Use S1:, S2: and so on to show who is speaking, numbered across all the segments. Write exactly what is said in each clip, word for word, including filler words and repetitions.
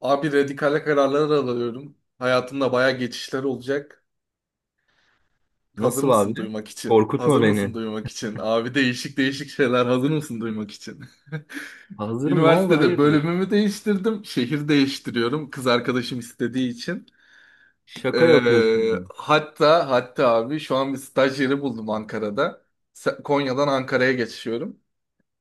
S1: Abi radikale kararlar alıyorum. Hayatımda baya geçişler olacak. Hazır
S2: Nasıl abi?
S1: mısın duymak için?
S2: Korkutma
S1: Hazır mısın
S2: beni.
S1: duymak için? Abi değişik değişik şeyler hazır mısın duymak için?
S2: Hazırım ne oldu
S1: Üniversitede
S2: hayırdır?
S1: bölümümü değiştirdim. Şehir değiştiriyorum. Kız arkadaşım istediği için.
S2: Şaka
S1: Ee,
S2: yapıyorsun.
S1: hatta hatta abi şu an bir staj yeri buldum Ankara'da. Se- Konya'dan Ankara'ya geçiyorum.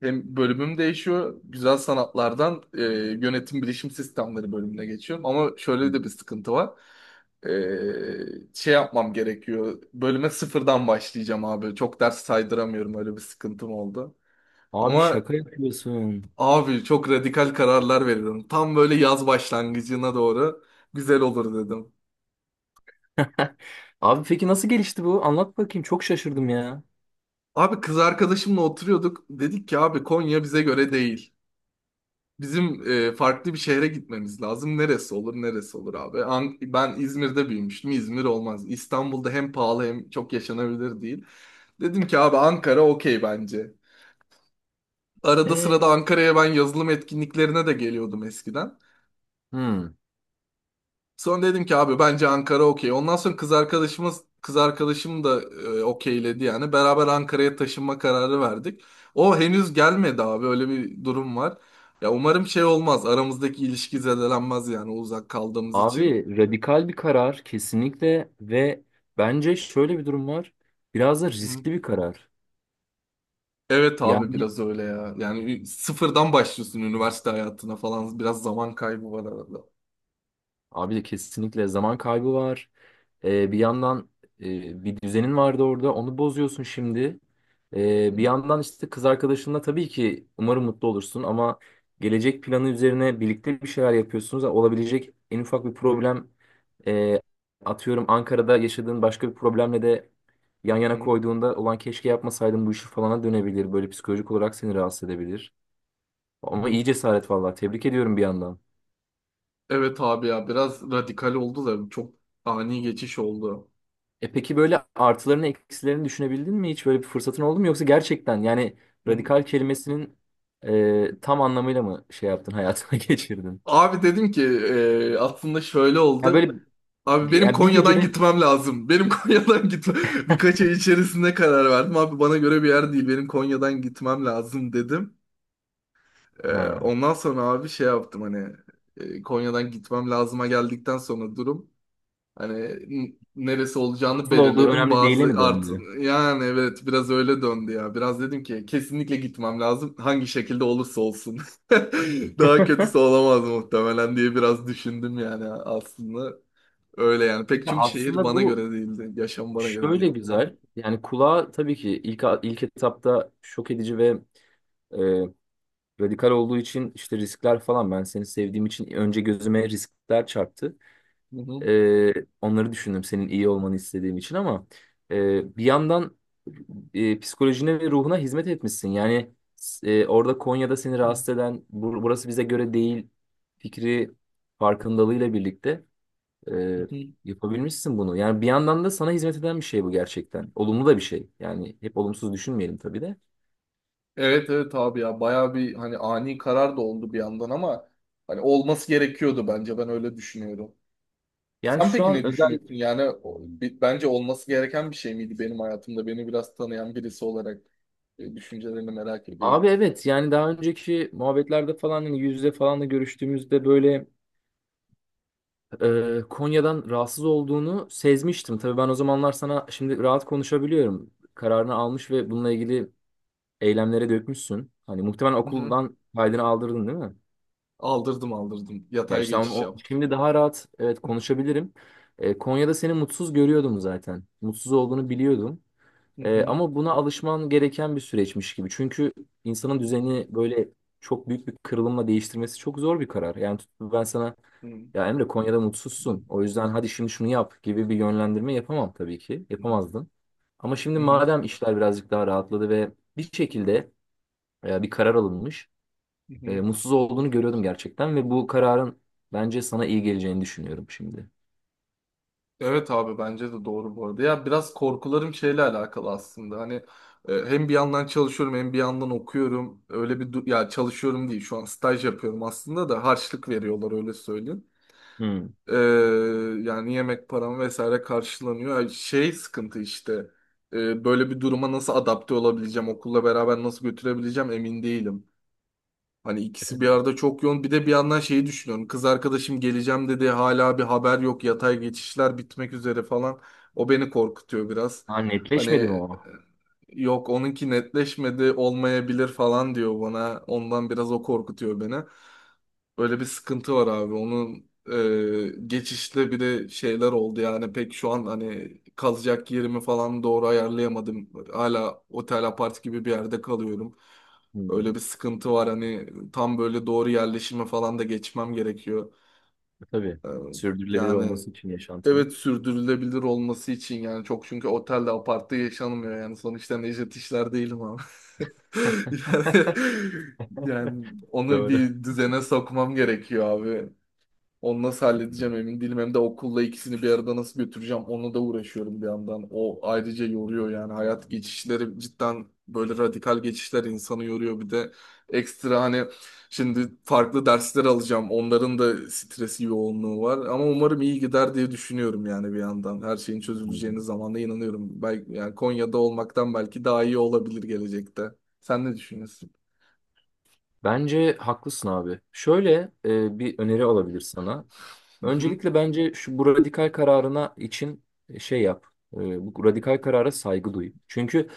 S1: Hem bölümüm değişiyor. Güzel sanatlardan e, yönetim bilişim sistemleri bölümüne geçiyorum. Ama şöyle de bir sıkıntı var. E, şey yapmam gerekiyor. Bölüme sıfırdan başlayacağım abi. Çok ders saydıramıyorum. Öyle bir sıkıntım oldu.
S2: Abi
S1: Ama
S2: şaka yapıyorsun.
S1: abi çok radikal kararlar veriyorum. Tam böyle yaz başlangıcına doğru güzel olur dedim.
S2: Abi peki nasıl gelişti bu? Anlat bakayım. Çok şaşırdım ya.
S1: Abi kız arkadaşımla oturuyorduk. Dedik ki abi Konya bize göre değil. Bizim e, farklı bir şehre gitmemiz lazım. Neresi olur, neresi olur abi? An- ben İzmir'de büyümüştüm. İzmir olmaz. İstanbul'da hem pahalı hem çok yaşanabilir değil. Dedim ki abi Ankara okey bence. Arada
S2: E,
S1: sırada Ankara'ya ben yazılım etkinliklerine de geliyordum eskiden.
S2: hmm.
S1: Sonra dedim ki abi bence Ankara okey. Ondan sonra kız arkadaşımız kız arkadaşım da e, okeyledi yani. Beraber Ankara'ya taşınma kararı verdik. O henüz gelmedi abi öyle bir durum var. Ya umarım şey olmaz. Aramızdaki ilişki zedelenmez yani uzak kaldığımız için.
S2: Abi radikal bir karar kesinlikle ve bence şöyle bir durum var. Biraz da
S1: Hı.
S2: riskli bir karar.
S1: Evet abi
S2: Yani
S1: biraz öyle ya. Yani ü- sıfırdan başlıyorsun üniversite hayatına falan. Biraz zaman kaybı var arada.
S2: abi de kesinlikle zaman kaybı var. Ee, bir yandan e, bir düzenin vardı orada. Onu bozuyorsun şimdi.
S1: Hı
S2: Ee, bir yandan işte kız arkadaşınla tabii ki umarım mutlu olursun ama gelecek planı üzerine birlikte bir şeyler yapıyorsunuz. Olabilecek en ufak bir problem e, atıyorum Ankara'da yaşadığın başka bir problemle de yan yana
S1: hı
S2: koyduğunda olan keşke yapmasaydım bu işi falana dönebilir. Böyle psikolojik olarak seni rahatsız edebilir. Ama
S1: hı.
S2: iyi cesaret vallahi. Tebrik ediyorum bir yandan.
S1: Evet abi ya biraz radikal oldu da çok ani geçiş oldu.
S2: E peki böyle artılarını eksilerini düşünebildin mi? Hiç böyle bir fırsatın oldu mu? Yoksa gerçekten yani
S1: Hı hı.
S2: radikal kelimesinin e, tam anlamıyla mı şey yaptın hayatına geçirdin?
S1: Abi dedim ki e, aslında şöyle
S2: Ya
S1: oldu.
S2: böyle
S1: Abi benim
S2: yani bir
S1: Konya'dan
S2: gecede
S1: gitmem lazım. Benim Konya'dan gitme. Birkaç ay içerisinde karar verdim. Abi bana göre bir yer değil. Benim Konya'dan gitmem lazım dedim. E,
S2: ha,
S1: Ondan sonra abi şey yaptım hani e, Konya'dan gitmem lazıma geldikten sonra durum. Hani n- neresi olacağını
S2: nasıl olduğu
S1: belirledim.
S2: önemli değile
S1: Bazı
S2: mi
S1: art
S2: döndü?
S1: yani evet biraz öyle döndü ya. Biraz dedim ki kesinlikle gitmem lazım. Hangi şekilde olursa olsun. Daha kötüsü olamaz muhtemelen diye biraz düşündüm yani aslında. Öyle yani. Pek
S2: Ya
S1: çünkü şehir
S2: aslında
S1: bana
S2: bu
S1: göre değildi. Yaşam bana göre
S2: şöyle
S1: değildi. Ha?
S2: güzel. Yani kulağa tabii ki ilk ilk etapta şok edici ve e, radikal olduğu için işte riskler falan ben seni sevdiğim için önce gözüme riskler çarptı.
S1: Hı hı.
S2: Ee, onları düşündüm senin iyi olmanı istediğim için ama e, bir yandan e, psikolojine ve ruhuna hizmet etmişsin. Yani e, orada Konya'da seni rahatsız eden "Bur- burası bize göre değil" fikri farkındalığıyla birlikte e, yapabilmişsin bunu. Yani bir yandan da sana hizmet eden bir şey bu gerçekten. Olumlu da bir şey. Yani hep olumsuz düşünmeyelim tabii de.
S1: Evet evet abi ya bayağı bir hani ani karar da oldu bir yandan ama hani olması gerekiyordu bence ben öyle düşünüyorum.
S2: Yani
S1: Sen
S2: şu
S1: peki ne
S2: an özel.
S1: düşünüyorsun? Yani o- bi- bence olması gereken bir şey miydi benim hayatımda? Beni biraz tanıyan birisi olarak e, düşüncelerini merak ediyorum.
S2: Abi evet, yani daha önceki muhabbetlerde falan hani yüz yüze falan da görüştüğümüzde böyle e, Konya'dan rahatsız olduğunu sezmiştim. Tabii ben o zamanlar sana şimdi rahat konuşabiliyorum. Kararını almış ve bununla ilgili eylemlere dökmüşsün. Hani muhtemelen
S1: Hı hı.
S2: okuldan kaydını aldırdın değil mi?
S1: Aldırdım aldırdım.
S2: Ya
S1: Yatay
S2: işte onu,
S1: geçiş
S2: o-
S1: yaptım.
S2: şimdi daha rahat evet konuşabilirim. E, Konya'da seni mutsuz görüyordum zaten. Mutsuz olduğunu biliyordum.
S1: Hı
S2: E,
S1: hı,
S2: ama buna alışman gereken bir süreçmiş gibi. Çünkü insanın
S1: hı hı,
S2: düzeni böyle çok büyük bir kırılımla değiştirmesi çok zor bir karar. Yani tut- ben sana
S1: hı
S2: ya Emre Konya'da
S1: hı,
S2: mutsuzsun. O yüzden hadi şimdi şunu yap gibi bir yönlendirme yapamam tabii ki. Yapamazdım. Ama şimdi
S1: hı hı,
S2: madem işler birazcık daha rahatladı ve bir şekilde e, bir karar alınmış.
S1: hı hı.
S2: e, mutsuz olduğunu görüyordum gerçekten ve bu kararın bence sana iyi geleceğini düşünüyorum şimdi.
S1: Evet abi bence de doğru bu arada. Ya biraz korkularım şeyle alakalı aslında. Hani e, hem bir yandan çalışıyorum hem bir yandan okuyorum. Öyle bir du- ya çalışıyorum değil şu an staj yapıyorum aslında da harçlık veriyorlar öyle söyleyeyim.
S2: Hmm.
S1: Ee, Yani yemek param vesaire karşılanıyor. Yani şey sıkıntı işte. Ee, böyle bir duruma nasıl adapte olabileceğim, okulla beraber nasıl götürebileceğim emin değilim. Hani
S2: E,
S1: ikisi bir
S2: tabii.
S1: arada çok yoğun. Bir de bir yandan şeyi düşünüyorum. Kız arkadaşım geleceğim dedi. Hala bir haber yok. Yatay geçişler bitmek üzere falan. O beni korkutuyor biraz.
S2: Ha,
S1: Hani
S2: netleşmedi mi
S1: e,
S2: o?
S1: yok onunki netleşmedi olmayabilir falan diyor bana. Ondan biraz o korkutuyor beni. Öyle bir sıkıntı var abi. Onun e, geçişte bir de şeyler oldu yani pek şu an hani kalacak yerimi falan doğru ayarlayamadım. Hala otel apart gibi bir yerde kalıyorum. Öyle
S2: Hmm.
S1: bir sıkıntı var hani tam böyle doğru yerleşime falan da geçmem gerekiyor.
S2: E, tabii.
S1: E,
S2: Sürdürülebilir
S1: Yani
S2: olması için yaşantının.
S1: evet sürdürülebilir olması için yani çok çünkü otelde apartta yaşanmıyor yani sonuçta Necdet işler değilim ama. Yani, yani onu
S2: Doğru.
S1: bir düzene sokmam gerekiyor abi. Onu nasıl halledeceğim emin değilim. Hem de okulla ikisini bir arada nasıl götüreceğim onu da uğraşıyorum bir yandan. O ayrıca yoruyor yani. Hayat geçişleri cidden böyle radikal geçişler insanı yoruyor. Bir de ekstra hani şimdi farklı dersler alacağım. Onların da stresi yoğunluğu var. Ama umarım iyi gider diye düşünüyorum yani bir yandan. Her şeyin
S2: Hmm.
S1: çözüleceğine zamanla inanıyorum. Belki, yani Konya'da olmaktan belki daha iyi olabilir gelecekte. Sen ne düşünüyorsun?
S2: Bence haklısın abi. Şöyle e, bir öneri olabilir sana. Öncelikle bence şu bu radikal kararına için e, şey yap. E, bu radikal karara saygı duy. Çünkü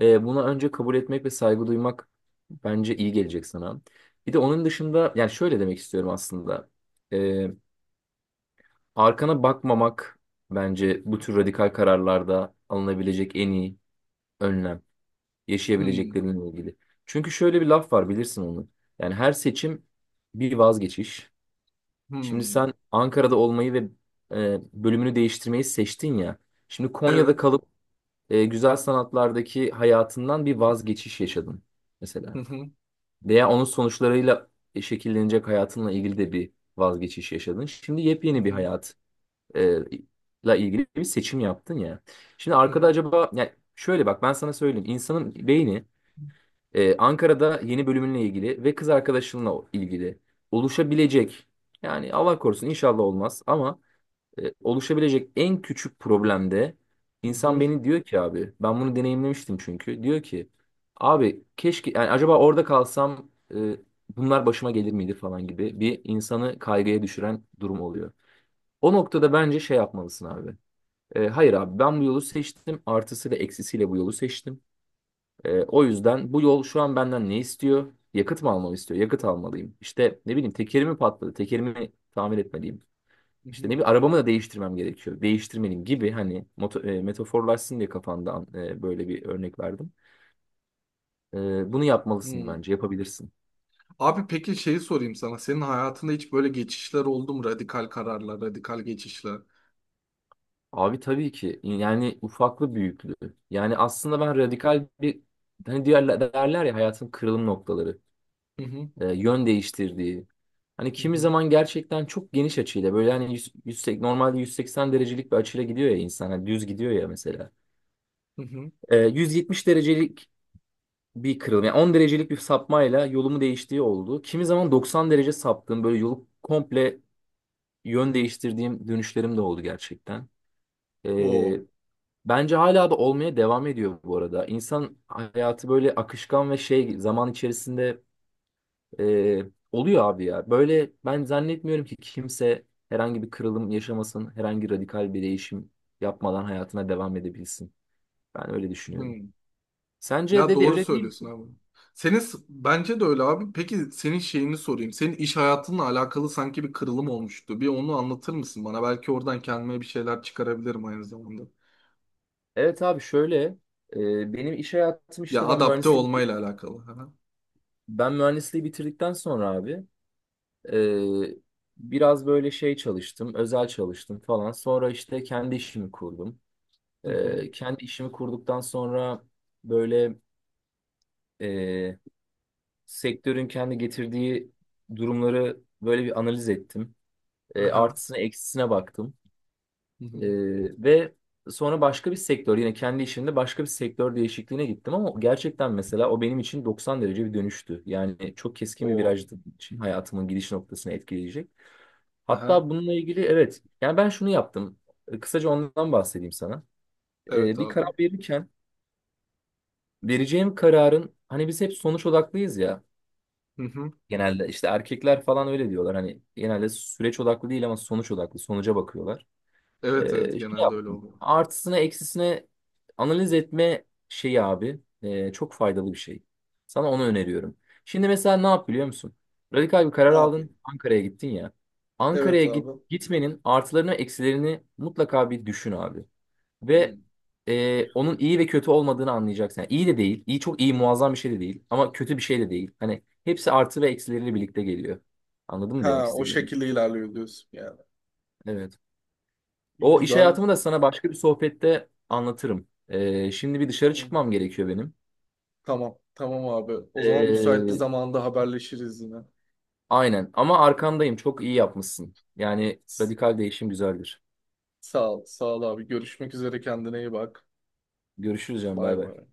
S2: e, buna önce kabul etmek ve saygı duymak bence iyi gelecek sana. Bir de onun dışında yani şöyle demek istiyorum aslında. E, arkana bakmamak bence bu tür radikal kararlarda alınabilecek en iyi önlem
S1: Hmm,
S2: yaşayabilecekleriyle ilgili. Çünkü şöyle bir laf var bilirsin onu. Yani her seçim bir vazgeçiş. Şimdi
S1: hmm.
S2: sen Ankara'da olmayı ve e, bölümünü değiştirmeyi seçtin ya. Şimdi Konya'da
S1: Evet.
S2: kalıp e, güzel sanatlardaki hayatından bir vazgeçiş yaşadın
S1: Hı
S2: mesela.
S1: hı,
S2: Veya onun sonuçlarıyla şekillenecek hayatınla ilgili de bir vazgeçiş yaşadın. Şimdi
S1: hı
S2: yepyeni bir
S1: hı,
S2: hayat e, la ilgili bir seçim yaptın ya. Şimdi
S1: hı
S2: arkada
S1: hı.
S2: acaba yani şöyle bak ben sana söyleyeyim. İnsanın beyni ee, Ankara'da yeni bölümünle ilgili ve kız arkadaşınla ilgili oluşabilecek yani Allah korusun inşallah olmaz ama e, oluşabilecek en küçük problemde
S1: Hı
S2: insan
S1: hı,
S2: beni diyor ki abi ben bunu deneyimlemiştim çünkü diyor ki abi keşke yani acaba orada kalsam e, bunlar başıma gelir miydi falan gibi bir insanı kaygıya düşüren durum oluyor. O noktada bence şey yapmalısın abi. E, hayır abi ben bu yolu seçtim artısıyla eksisiyle bu yolu seçtim. Ee, o yüzden bu yol şu an benden ne istiyor? Yakıt mı almamı istiyor? Yakıt almalıyım. İşte ne bileyim tekerimi patladı. Tekerimi tamir etmeliyim.
S1: hı
S2: İşte
S1: hı,
S2: ne bir arabamı da değiştirmem gerekiyor. Değiştirmeliyim gibi hani moto, e, metaforlaşsın diye kafamda e, böyle bir örnek verdim. E, bunu yapmalısın
S1: hı.
S2: bence yapabilirsin.
S1: Abi peki şeyi sorayım sana. Senin hayatında hiç böyle geçişler oldu mu? Radikal kararlar, radikal geçişler.
S2: Abi tabii ki yani ufaklı büyüklü. Yani aslında ben radikal bir hani diğer derler ya hayatın kırılım noktaları.
S1: Hı hı,
S2: e, yön değiştirdiği. Hani
S1: hı
S2: kimi
S1: hı,
S2: zaman gerçekten çok geniş açıyla böyle hani yüz, yüz seksen normalde yüz seksen derecelik bir açıyla gidiyor ya insan hani düz gidiyor ya mesela.
S1: hı hı.
S2: E, yüz yetmiş derecelik bir kırılma yani on derecelik bir sapmayla yolumu değiştiği oldu. Kimi zaman doksan derece saptığım böyle yolu komple yön değiştirdiğim dönüşlerim de oldu gerçekten. E,
S1: O.
S2: Bence hala da olmaya devam ediyor bu arada. İnsan hayatı böyle akışkan ve şey zaman içerisinde Ee, oluyor abi ya. Böyle ben zannetmiyorum ki kimse herhangi bir kırılım yaşamasın, herhangi radikal bir değişim yapmadan hayatına devam edebilsin. Ben öyle düşünüyorum.
S1: Hı.
S2: Sence
S1: Ya
S2: dedi
S1: doğru
S2: öyle değil
S1: söylüyorsun
S2: mi?
S1: abi. Senin s- bence de öyle abi. Peki senin şeyini sorayım. Senin iş hayatınla alakalı sanki bir kırılım olmuştu. Bir onu anlatır mısın bana? Belki oradan kendime bir şeyler çıkarabilirim aynı zamanda.
S2: Evet abi şöyle e, benim iş hayatım
S1: Ya
S2: işte ben
S1: adapte
S2: mühendisliği
S1: olmayla alakalı. Aha.
S2: ben mühendisliği bitirdikten sonra abi e, biraz böyle şey çalıştım, özel çalıştım falan. Sonra işte kendi işimi kurdum.
S1: Hı hı.
S2: E, kendi işimi kurduktan sonra böyle sektörün kendi getirdiği durumları böyle bir analiz ettim. E,
S1: Aha.
S2: artısına eksisine baktım.
S1: Hı
S2: E,
S1: hı.
S2: ve sonra başka bir sektör yine kendi işimde başka bir sektör değişikliğine gittim ama gerçekten mesela o benim için doksan derece bir dönüştü. Yani çok keskin bir
S1: O.
S2: virajdı benim için hayatımın gidiş noktasını etkileyecek.
S1: Aha.
S2: Hatta bununla ilgili evet yani ben şunu yaptım. E, Kısaca ondan bahsedeyim sana. E,
S1: Evet
S2: bir
S1: abi.
S2: karar verirken vereceğim kararın hani biz hep sonuç odaklıyız ya.
S1: Hı hı.
S2: Genelde işte erkekler falan öyle diyorlar. Hani genelde süreç odaklı değil ama sonuç odaklı. Sonuca bakıyorlar.
S1: Evet evet
S2: Ee, şey
S1: genelde öyle
S2: yaptım.
S1: oluyor.
S2: Artısına eksisine analiz etme şeyi abi e, çok faydalı bir şey. Sana onu öneriyorum. Şimdi mesela ne yap biliyor musun? Radikal bir
S1: Ne
S2: karar aldın.
S1: yapayım?
S2: Ankara'ya gittin ya.
S1: Evet
S2: Ankara'ya
S1: abi.
S2: git, gitmenin artılarını eksilerini mutlaka bir düşün abi. Ve
S1: Hmm.
S2: e, onun iyi ve kötü olmadığını anlayacaksın. Yani iyi de değil. İyi çok iyi muazzam bir şey de değil. Ama kötü bir şey de değil. Hani hepsi artı ve eksileriyle birlikte geliyor. Anladın mı demek
S1: Ha o
S2: istediğimi?
S1: şekilde ilerliyor diyorsun yani.
S2: Evet. O iş
S1: Güzel.
S2: hayatımı da sana başka bir sohbette anlatırım. E, şimdi bir dışarı
S1: Hı.
S2: çıkmam gerekiyor benim.
S1: Tamam. Tamam abi. O zaman müsait bir
S2: E,
S1: zamanda haberleşiriz yine.
S2: aynen. Ama arkandayım. Çok iyi yapmışsın. Yani
S1: S-
S2: radikal değişim güzeldir.
S1: Sağ ol. Sağ ol abi. Görüşmek üzere. Kendine iyi bak.
S2: Görüşürüz canım.
S1: Bay
S2: Bay bay.
S1: bay.